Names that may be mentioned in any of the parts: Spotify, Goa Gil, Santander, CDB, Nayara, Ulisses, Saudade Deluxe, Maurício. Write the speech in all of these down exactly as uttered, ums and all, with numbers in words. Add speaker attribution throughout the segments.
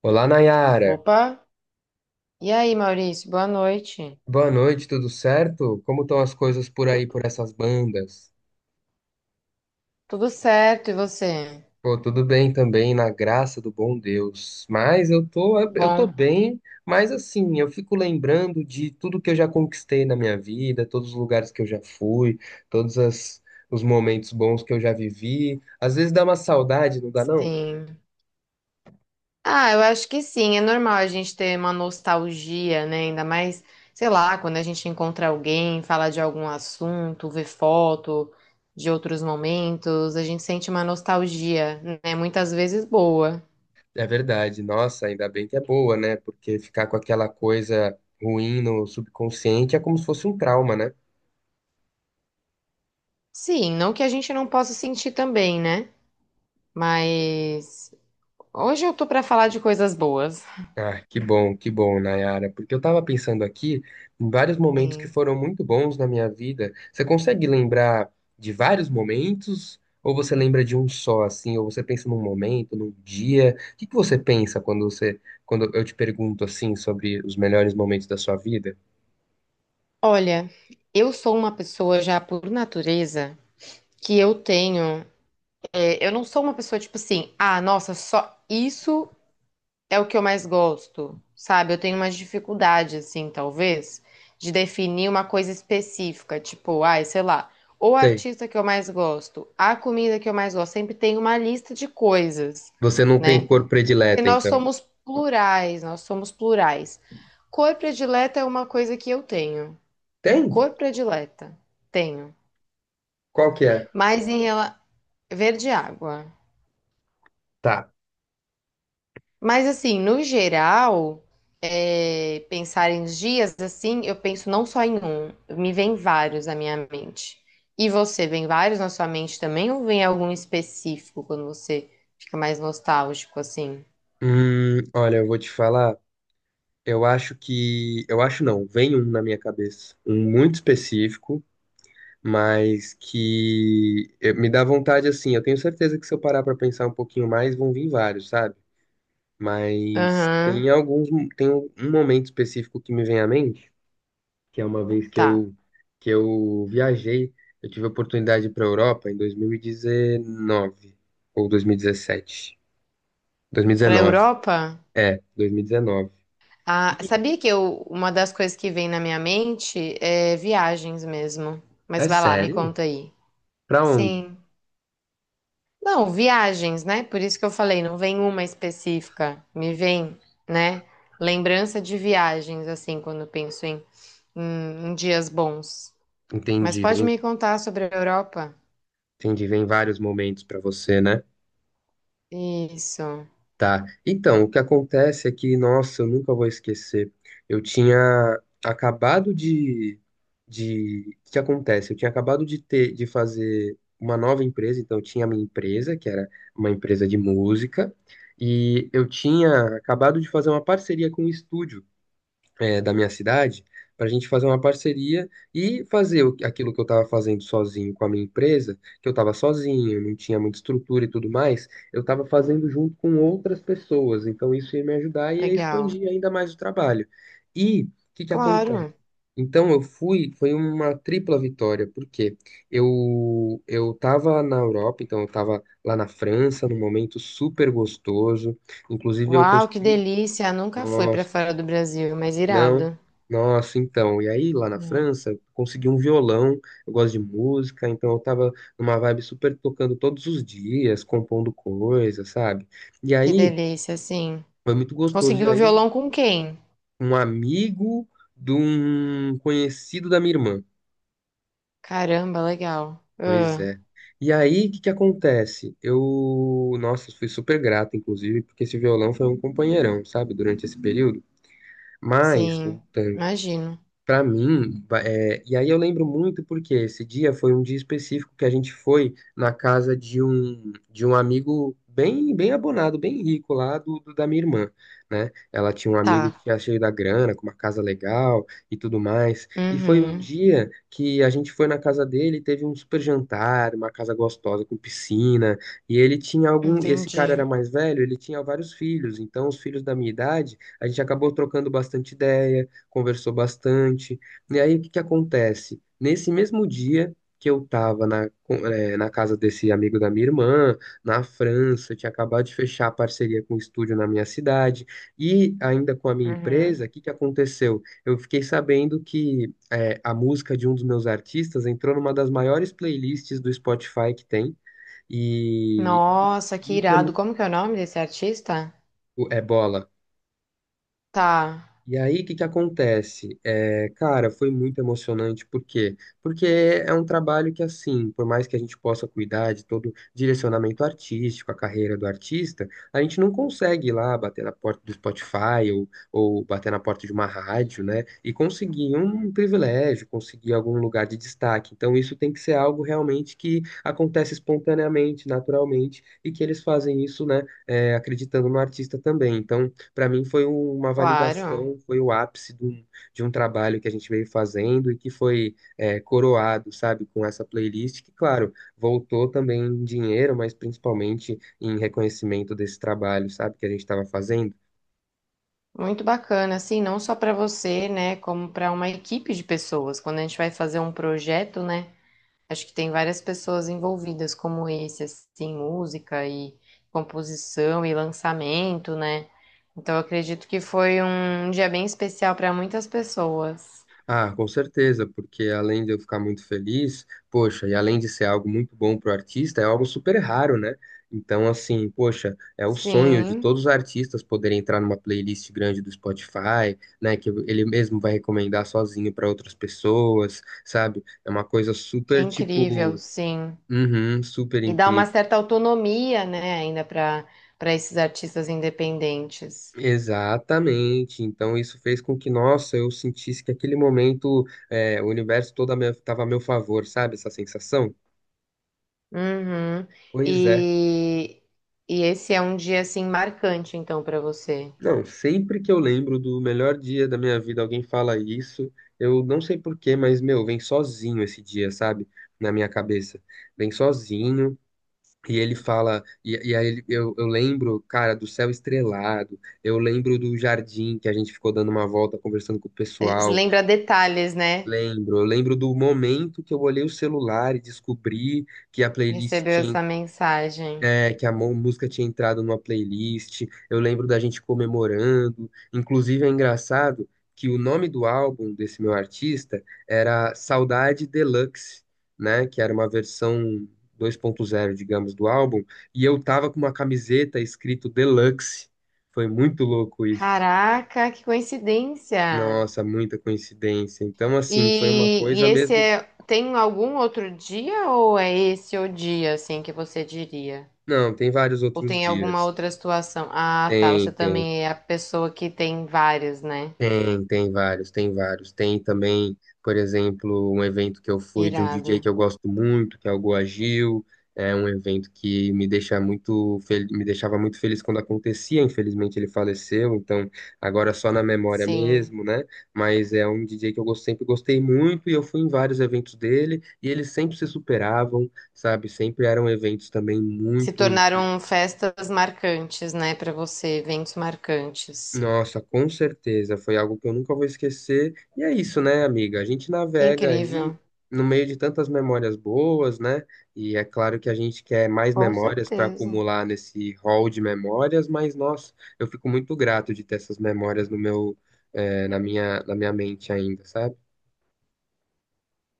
Speaker 1: Olá, Nayara.
Speaker 2: Opa! E aí, Maurício, boa noite.
Speaker 1: Boa noite, tudo certo? Como estão as coisas por aí,
Speaker 2: Tu-
Speaker 1: por essas bandas?
Speaker 2: Tudo certo, e você?
Speaker 1: Pô, tudo bem também, na graça do bom Deus. Mas eu tô, eu tô
Speaker 2: Bom,
Speaker 1: bem, mas assim, eu fico lembrando de tudo que eu já conquistei na minha vida, todos os lugares que eu já fui, todos as- os momentos bons que eu já vivi. Às vezes dá uma saudade, não dá não?
Speaker 2: sim. Ah, eu acho que sim, é normal a gente ter uma nostalgia, né? Ainda mais, sei lá, quando a gente encontra alguém, fala de algum assunto, vê foto de outros momentos, a gente sente uma nostalgia, né? Muitas vezes boa.
Speaker 1: É verdade. Nossa, ainda bem que é boa, né? Porque ficar com aquela coisa ruim no subconsciente é como se fosse um trauma, né?
Speaker 2: Sim, não que a gente não possa sentir também, né? Mas hoje eu tô pra falar de coisas boas.
Speaker 1: Ah, que bom, que bom, Nayara, porque eu tava pensando aqui em vários momentos que
Speaker 2: Sim.
Speaker 1: foram muito bons na minha vida. Você consegue lembrar de vários momentos ou você lembra de um só assim, ou você pensa num momento, num dia? O que que você pensa quando você quando eu te pergunto assim sobre os melhores momentos da sua vida?
Speaker 2: Olha, eu sou uma pessoa já por natureza que eu tenho. é, eu não sou uma pessoa tipo assim, ah, nossa, só isso é o que eu mais gosto, sabe? Eu tenho uma dificuldade, assim, talvez, de definir uma coisa específica, tipo, ai, sei lá, o
Speaker 1: Sei.
Speaker 2: artista que eu mais gosto, a comida que eu mais gosto, sempre tem uma lista de coisas,
Speaker 1: Você não tem
Speaker 2: né?
Speaker 1: cor
Speaker 2: Porque
Speaker 1: predileta,
Speaker 2: nós
Speaker 1: então.
Speaker 2: somos plurais, nós somos plurais. Cor predileta é uma coisa que eu tenho.
Speaker 1: Tem?
Speaker 2: Cor predileta, tenho.
Speaker 1: Qual que é?
Speaker 2: Mas em relação. Verde é água.
Speaker 1: Tá.
Speaker 2: Mas assim, no geral, é, pensar em dias assim, eu penso não só em um, me vem vários na minha mente. E você, vem vários na sua mente também, ou vem algum específico quando você fica mais nostálgico assim?
Speaker 1: Hum, olha, eu vou te falar. Eu acho que. Eu acho não. Vem um na minha cabeça. Um muito específico, mas que eh, me dá vontade assim. Eu tenho certeza que se eu parar pra pensar um pouquinho mais, vão vir vários, sabe? Mas
Speaker 2: Aham,
Speaker 1: tem alguns, tem um um momento específico que me vem à mente, que é uma vez que
Speaker 2: tá.
Speaker 1: eu que eu viajei, eu tive a oportunidade para Europa em dois mil e dezenove ou dois mil e dezessete,
Speaker 2: Pra
Speaker 1: dois mil e dezenove,
Speaker 2: Europa,
Speaker 1: é, dois mil e dezenove. E
Speaker 2: ah,
Speaker 1: dezenove. E
Speaker 2: sabia que eu, uma das coisas que vem na minha mente é viagens mesmo. Mas
Speaker 1: é
Speaker 2: vai lá, me
Speaker 1: sério?
Speaker 2: conta aí.
Speaker 1: Pra onde?
Speaker 2: Sim. Não, viagens, né? Por isso que eu falei, não vem uma específica. Me vem, né? Lembrança de viagens, assim, quando eu penso em, em, em dias bons. Mas
Speaker 1: Entendi,
Speaker 2: pode
Speaker 1: vem,
Speaker 2: me contar sobre a Europa?
Speaker 1: entendi, vem vários momentos pra você, né?
Speaker 2: Isso,
Speaker 1: Tá. Então, o que acontece é que, nossa, eu nunca vou esquecer. Eu tinha acabado de, de... O que acontece? Eu tinha acabado de ter, de fazer uma nova empresa, então eu tinha a minha empresa, que era uma empresa de música, e eu tinha acabado de fazer uma parceria com um estúdio é, da minha cidade para a gente fazer uma parceria e fazer o- aquilo que eu estava fazendo sozinho com a minha empresa, que eu estava sozinho, não tinha muita estrutura e tudo mais, eu estava fazendo junto com outras pessoas. Então isso ia me ajudar e ia
Speaker 2: legal.
Speaker 1: expandir ainda mais o trabalho. E o que que acontece?
Speaker 2: Claro.
Speaker 1: Então eu fui, foi uma tripla vitória, porque eu eu estava na Europa, então eu estava lá na França, num momento super gostoso. Inclusive eu
Speaker 2: Uau, que
Speaker 1: consegui,
Speaker 2: delícia! Nunca fui pra
Speaker 1: nossa,
Speaker 2: fora do Brasil, mas
Speaker 1: não.
Speaker 2: irado.
Speaker 1: Nossa, então. E aí, lá na
Speaker 2: Hum.
Speaker 1: França, eu consegui um violão. Eu gosto de música, então eu tava numa vibe super tocando todos os dias, compondo coisas, sabe? E
Speaker 2: Que
Speaker 1: aí,
Speaker 2: delícia, sim.
Speaker 1: foi muito gostoso. E
Speaker 2: Conseguiu o
Speaker 1: aí,
Speaker 2: violão com quem?
Speaker 1: um amigo de um conhecido da minha irmã.
Speaker 2: Caramba, legal.
Speaker 1: Pois
Speaker 2: Ah,
Speaker 1: é. E aí, o que que acontece? Eu, nossa, fui super grato, inclusive, porque esse violão foi um companheirão, sabe, durante esse período. Mas,
Speaker 2: sim,
Speaker 1: voltando
Speaker 2: imagino.
Speaker 1: para mim, ba- é, e aí eu lembro muito porque esse dia foi um dia específico que a gente foi na casa de um de um amigo bem bem abonado, bem rico lá do, do- da minha irmã, né? Ela tinha um amigo
Speaker 2: Tá.
Speaker 1: que era cheio da grana, com uma casa legal e tudo mais. E foi um
Speaker 2: Uhum,
Speaker 1: dia que a gente foi na casa dele, teve um super jantar, uma casa gostosa com piscina, e ele tinha algum, esse cara era
Speaker 2: entendi.
Speaker 1: mais velho, ele tinha vários filhos, então os filhos da minha idade, a gente acabou trocando bastante ideia, conversou bastante. E aí, o que que acontece? Nesse mesmo dia que eu estava na, com- eh, na casa desse amigo da minha irmã, na França, eu tinha acabado de fechar a parceria com o estúdio na minha cidade, e ainda com a minha
Speaker 2: Uhum.
Speaker 1: empresa, o que que aconteceu? Eu fiquei sabendo que eh, a música de um dos meus artistas entrou numa das maiores playlists do Spotify que tem, e,
Speaker 2: Nossa, que
Speaker 1: e isso é
Speaker 2: irado.
Speaker 1: muito.
Speaker 2: Como que é o nome desse artista?
Speaker 1: É bola.
Speaker 2: Tá,
Speaker 1: E aí, o que que acontece? É, cara, foi muito emocionante, por quê? Porque é um trabalho que, assim, por mais que a gente possa cuidar de todo o direcionamento artístico, a carreira do artista, a gente não consegue ir lá bater na porta do Spotify ou, ou bater na porta de uma rádio, né? E conseguir um privilégio, conseguir algum lugar de destaque. Então, isso tem que ser algo realmente que acontece espontaneamente, naturalmente, e que eles fazem isso, né, é, acreditando no artista também. Então para mim foi uma validação,
Speaker 2: claro.
Speaker 1: foi o ápice de um, de um trabalho que a gente veio fazendo e que foi é, coroado, sabe, com essa playlist, que, claro, voltou também em dinheiro, mas principalmente em reconhecimento desse trabalho, sabe, que a gente estava fazendo.
Speaker 2: Muito bacana, assim, não só para você, né, como para uma equipe de pessoas. Quando a gente vai fazer um projeto, né, acho que tem várias pessoas envolvidas, como esse, assim, música e composição e lançamento, né? Então, eu acredito que foi um dia bem especial para muitas pessoas.
Speaker 1: Ah, com certeza, porque além de eu ficar muito feliz, poxa, e além de ser algo muito bom para o artista, é algo super raro, né? Então, assim, poxa, é o sonho de
Speaker 2: Sim,
Speaker 1: todos os artistas poderem entrar numa playlist grande do Spotify, né? Que ele mesmo vai recomendar sozinho para outras pessoas, sabe? É uma coisa
Speaker 2: que
Speaker 1: super,
Speaker 2: incrível,
Speaker 1: tipo,
Speaker 2: sim.
Speaker 1: uhum, super
Speaker 2: E dá uma
Speaker 1: incrível.
Speaker 2: certa autonomia, né, ainda para para esses artistas independentes.
Speaker 1: Exatamente. Então isso fez com que, nossa, eu sentisse que aquele momento, é, o universo todo estava a meu tava a meu favor, sabe? Essa sensação.
Speaker 2: Uhum.
Speaker 1: Pois é.
Speaker 2: E, e esse é um dia assim marcante, então, para você.
Speaker 1: Não, sempre que eu lembro do melhor dia da minha vida, alguém fala isso, eu não sei por quê, mas, meu, vem sozinho esse dia, sabe? Na minha cabeça. Vem sozinho, e ele fala, e, e aí ele- eu, eu lembro, cara, do céu estrelado, eu lembro do jardim que a gente ficou dando uma volta conversando com o
Speaker 2: Eh,
Speaker 1: pessoal,
Speaker 2: lembra detalhes, né?
Speaker 1: lembro, eu lembro do momento que eu olhei o celular e descobri que a playlist
Speaker 2: Recebeu
Speaker 1: tinha
Speaker 2: essa mensagem.
Speaker 1: é, que a mú- música tinha entrado numa playlist. Eu lembro da gente comemorando. Inclusive, é engraçado que o nome do álbum desse meu artista era Saudade Deluxe, né? Que era uma versão dois ponto zero, digamos, do álbum. E eu tava com uma camiseta escrito Deluxe. Foi muito louco isso.
Speaker 2: Caraca, que coincidência!
Speaker 1: Nossa, muita coincidência. Então, assim, foi uma
Speaker 2: E, e
Speaker 1: coisa
Speaker 2: esse
Speaker 1: mesmo.
Speaker 2: é, tem algum outro dia ou é esse o dia, assim, que você diria?
Speaker 1: Não, tem vários
Speaker 2: Ou
Speaker 1: outros
Speaker 2: tem alguma
Speaker 1: dias.
Speaker 2: outra situação? Ah, tá,
Speaker 1: Tem,
Speaker 2: você
Speaker 1: tem.
Speaker 2: também é a pessoa que tem vários, né?
Speaker 1: Tem, tem vários, tem vários. Tem também, por exemplo, um evento que eu fui de um
Speaker 2: Irado.
Speaker 1: D J que eu gosto muito, que é o Goa Gil. É um evento que me deixa muito fel- me deixava muito feliz quando acontecia. Infelizmente ele faleceu, então agora é só na memória
Speaker 2: Sim.
Speaker 1: mesmo, né? Mas é um D J que eu gos- sempre gostei muito e eu fui em vários eventos dele e eles sempre se superavam, sabe? Sempre eram eventos também
Speaker 2: Se
Speaker 1: muito.
Speaker 2: tornaram festas marcantes, né, pra você, eventos marcantes.
Speaker 1: Nossa, com certeza, foi algo que eu nunca vou esquecer. E é isso, né, amiga? A gente
Speaker 2: Que
Speaker 1: navega aí
Speaker 2: incrível.
Speaker 1: no meio de tantas memórias boas, né? E é claro que a gente quer mais
Speaker 2: Com
Speaker 1: memórias para
Speaker 2: certeza.
Speaker 1: acumular nesse hall de memórias, mas nossa, eu fico muito grato de ter essas memórias no meu, eh, na minha, na minha mente ainda, sabe?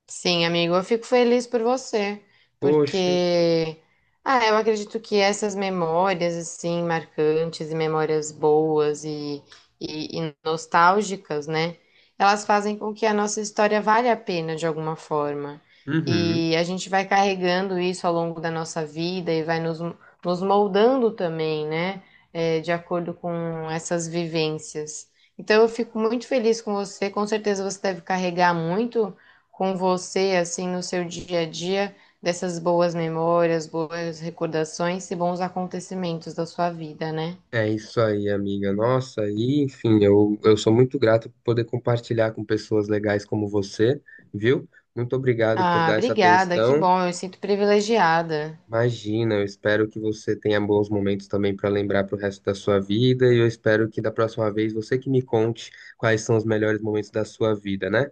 Speaker 2: Sim, amigo, eu fico feliz por você,
Speaker 1: Poxa,
Speaker 2: porque ah, eu acredito que essas memórias assim marcantes e memórias boas e, e, e nostálgicas, né? Elas fazem com que a nossa história valha a pena de alguma forma.
Speaker 1: uhum.
Speaker 2: E a gente vai carregando isso ao longo da nossa vida e vai nos, nos moldando também, né? É, de acordo com essas vivências. Então eu fico muito feliz com você, com certeza você deve carregar muito com você, assim, no seu dia a dia, dessas boas memórias, boas recordações e bons acontecimentos da sua vida, né?
Speaker 1: É isso aí, amiga. Nossa, e enfim, eu, eu sou muito grato por poder compartilhar com pessoas legais como você, viu? Muito obrigado por
Speaker 2: Ah,
Speaker 1: dar essa
Speaker 2: obrigada, que
Speaker 1: atenção.
Speaker 2: bom, eu me sinto privilegiada.
Speaker 1: Imagina, eu espero que você tenha bons momentos também para lembrar para o resto da sua vida. E eu espero que da próxima vez você que me conte quais são os melhores momentos da sua vida, né?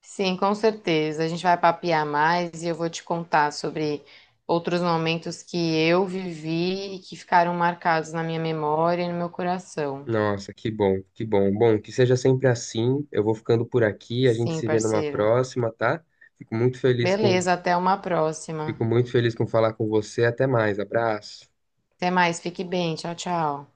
Speaker 2: Sim, com certeza. A gente vai papear mais e eu vou te contar sobre outros momentos que eu vivi e que ficaram marcados na minha memória e no meu coração.
Speaker 1: Nossa, que bom, que bom. Bom, que seja sempre assim. Eu vou ficando por aqui, a gente
Speaker 2: Sim,
Speaker 1: se vê numa
Speaker 2: parceiro.
Speaker 1: próxima, tá? Fico muito feliz com,
Speaker 2: Beleza, até uma próxima.
Speaker 1: fico muito feliz com falar com você. Até mais, abraço.
Speaker 2: Até mais, fique bem. Tchau, tchau.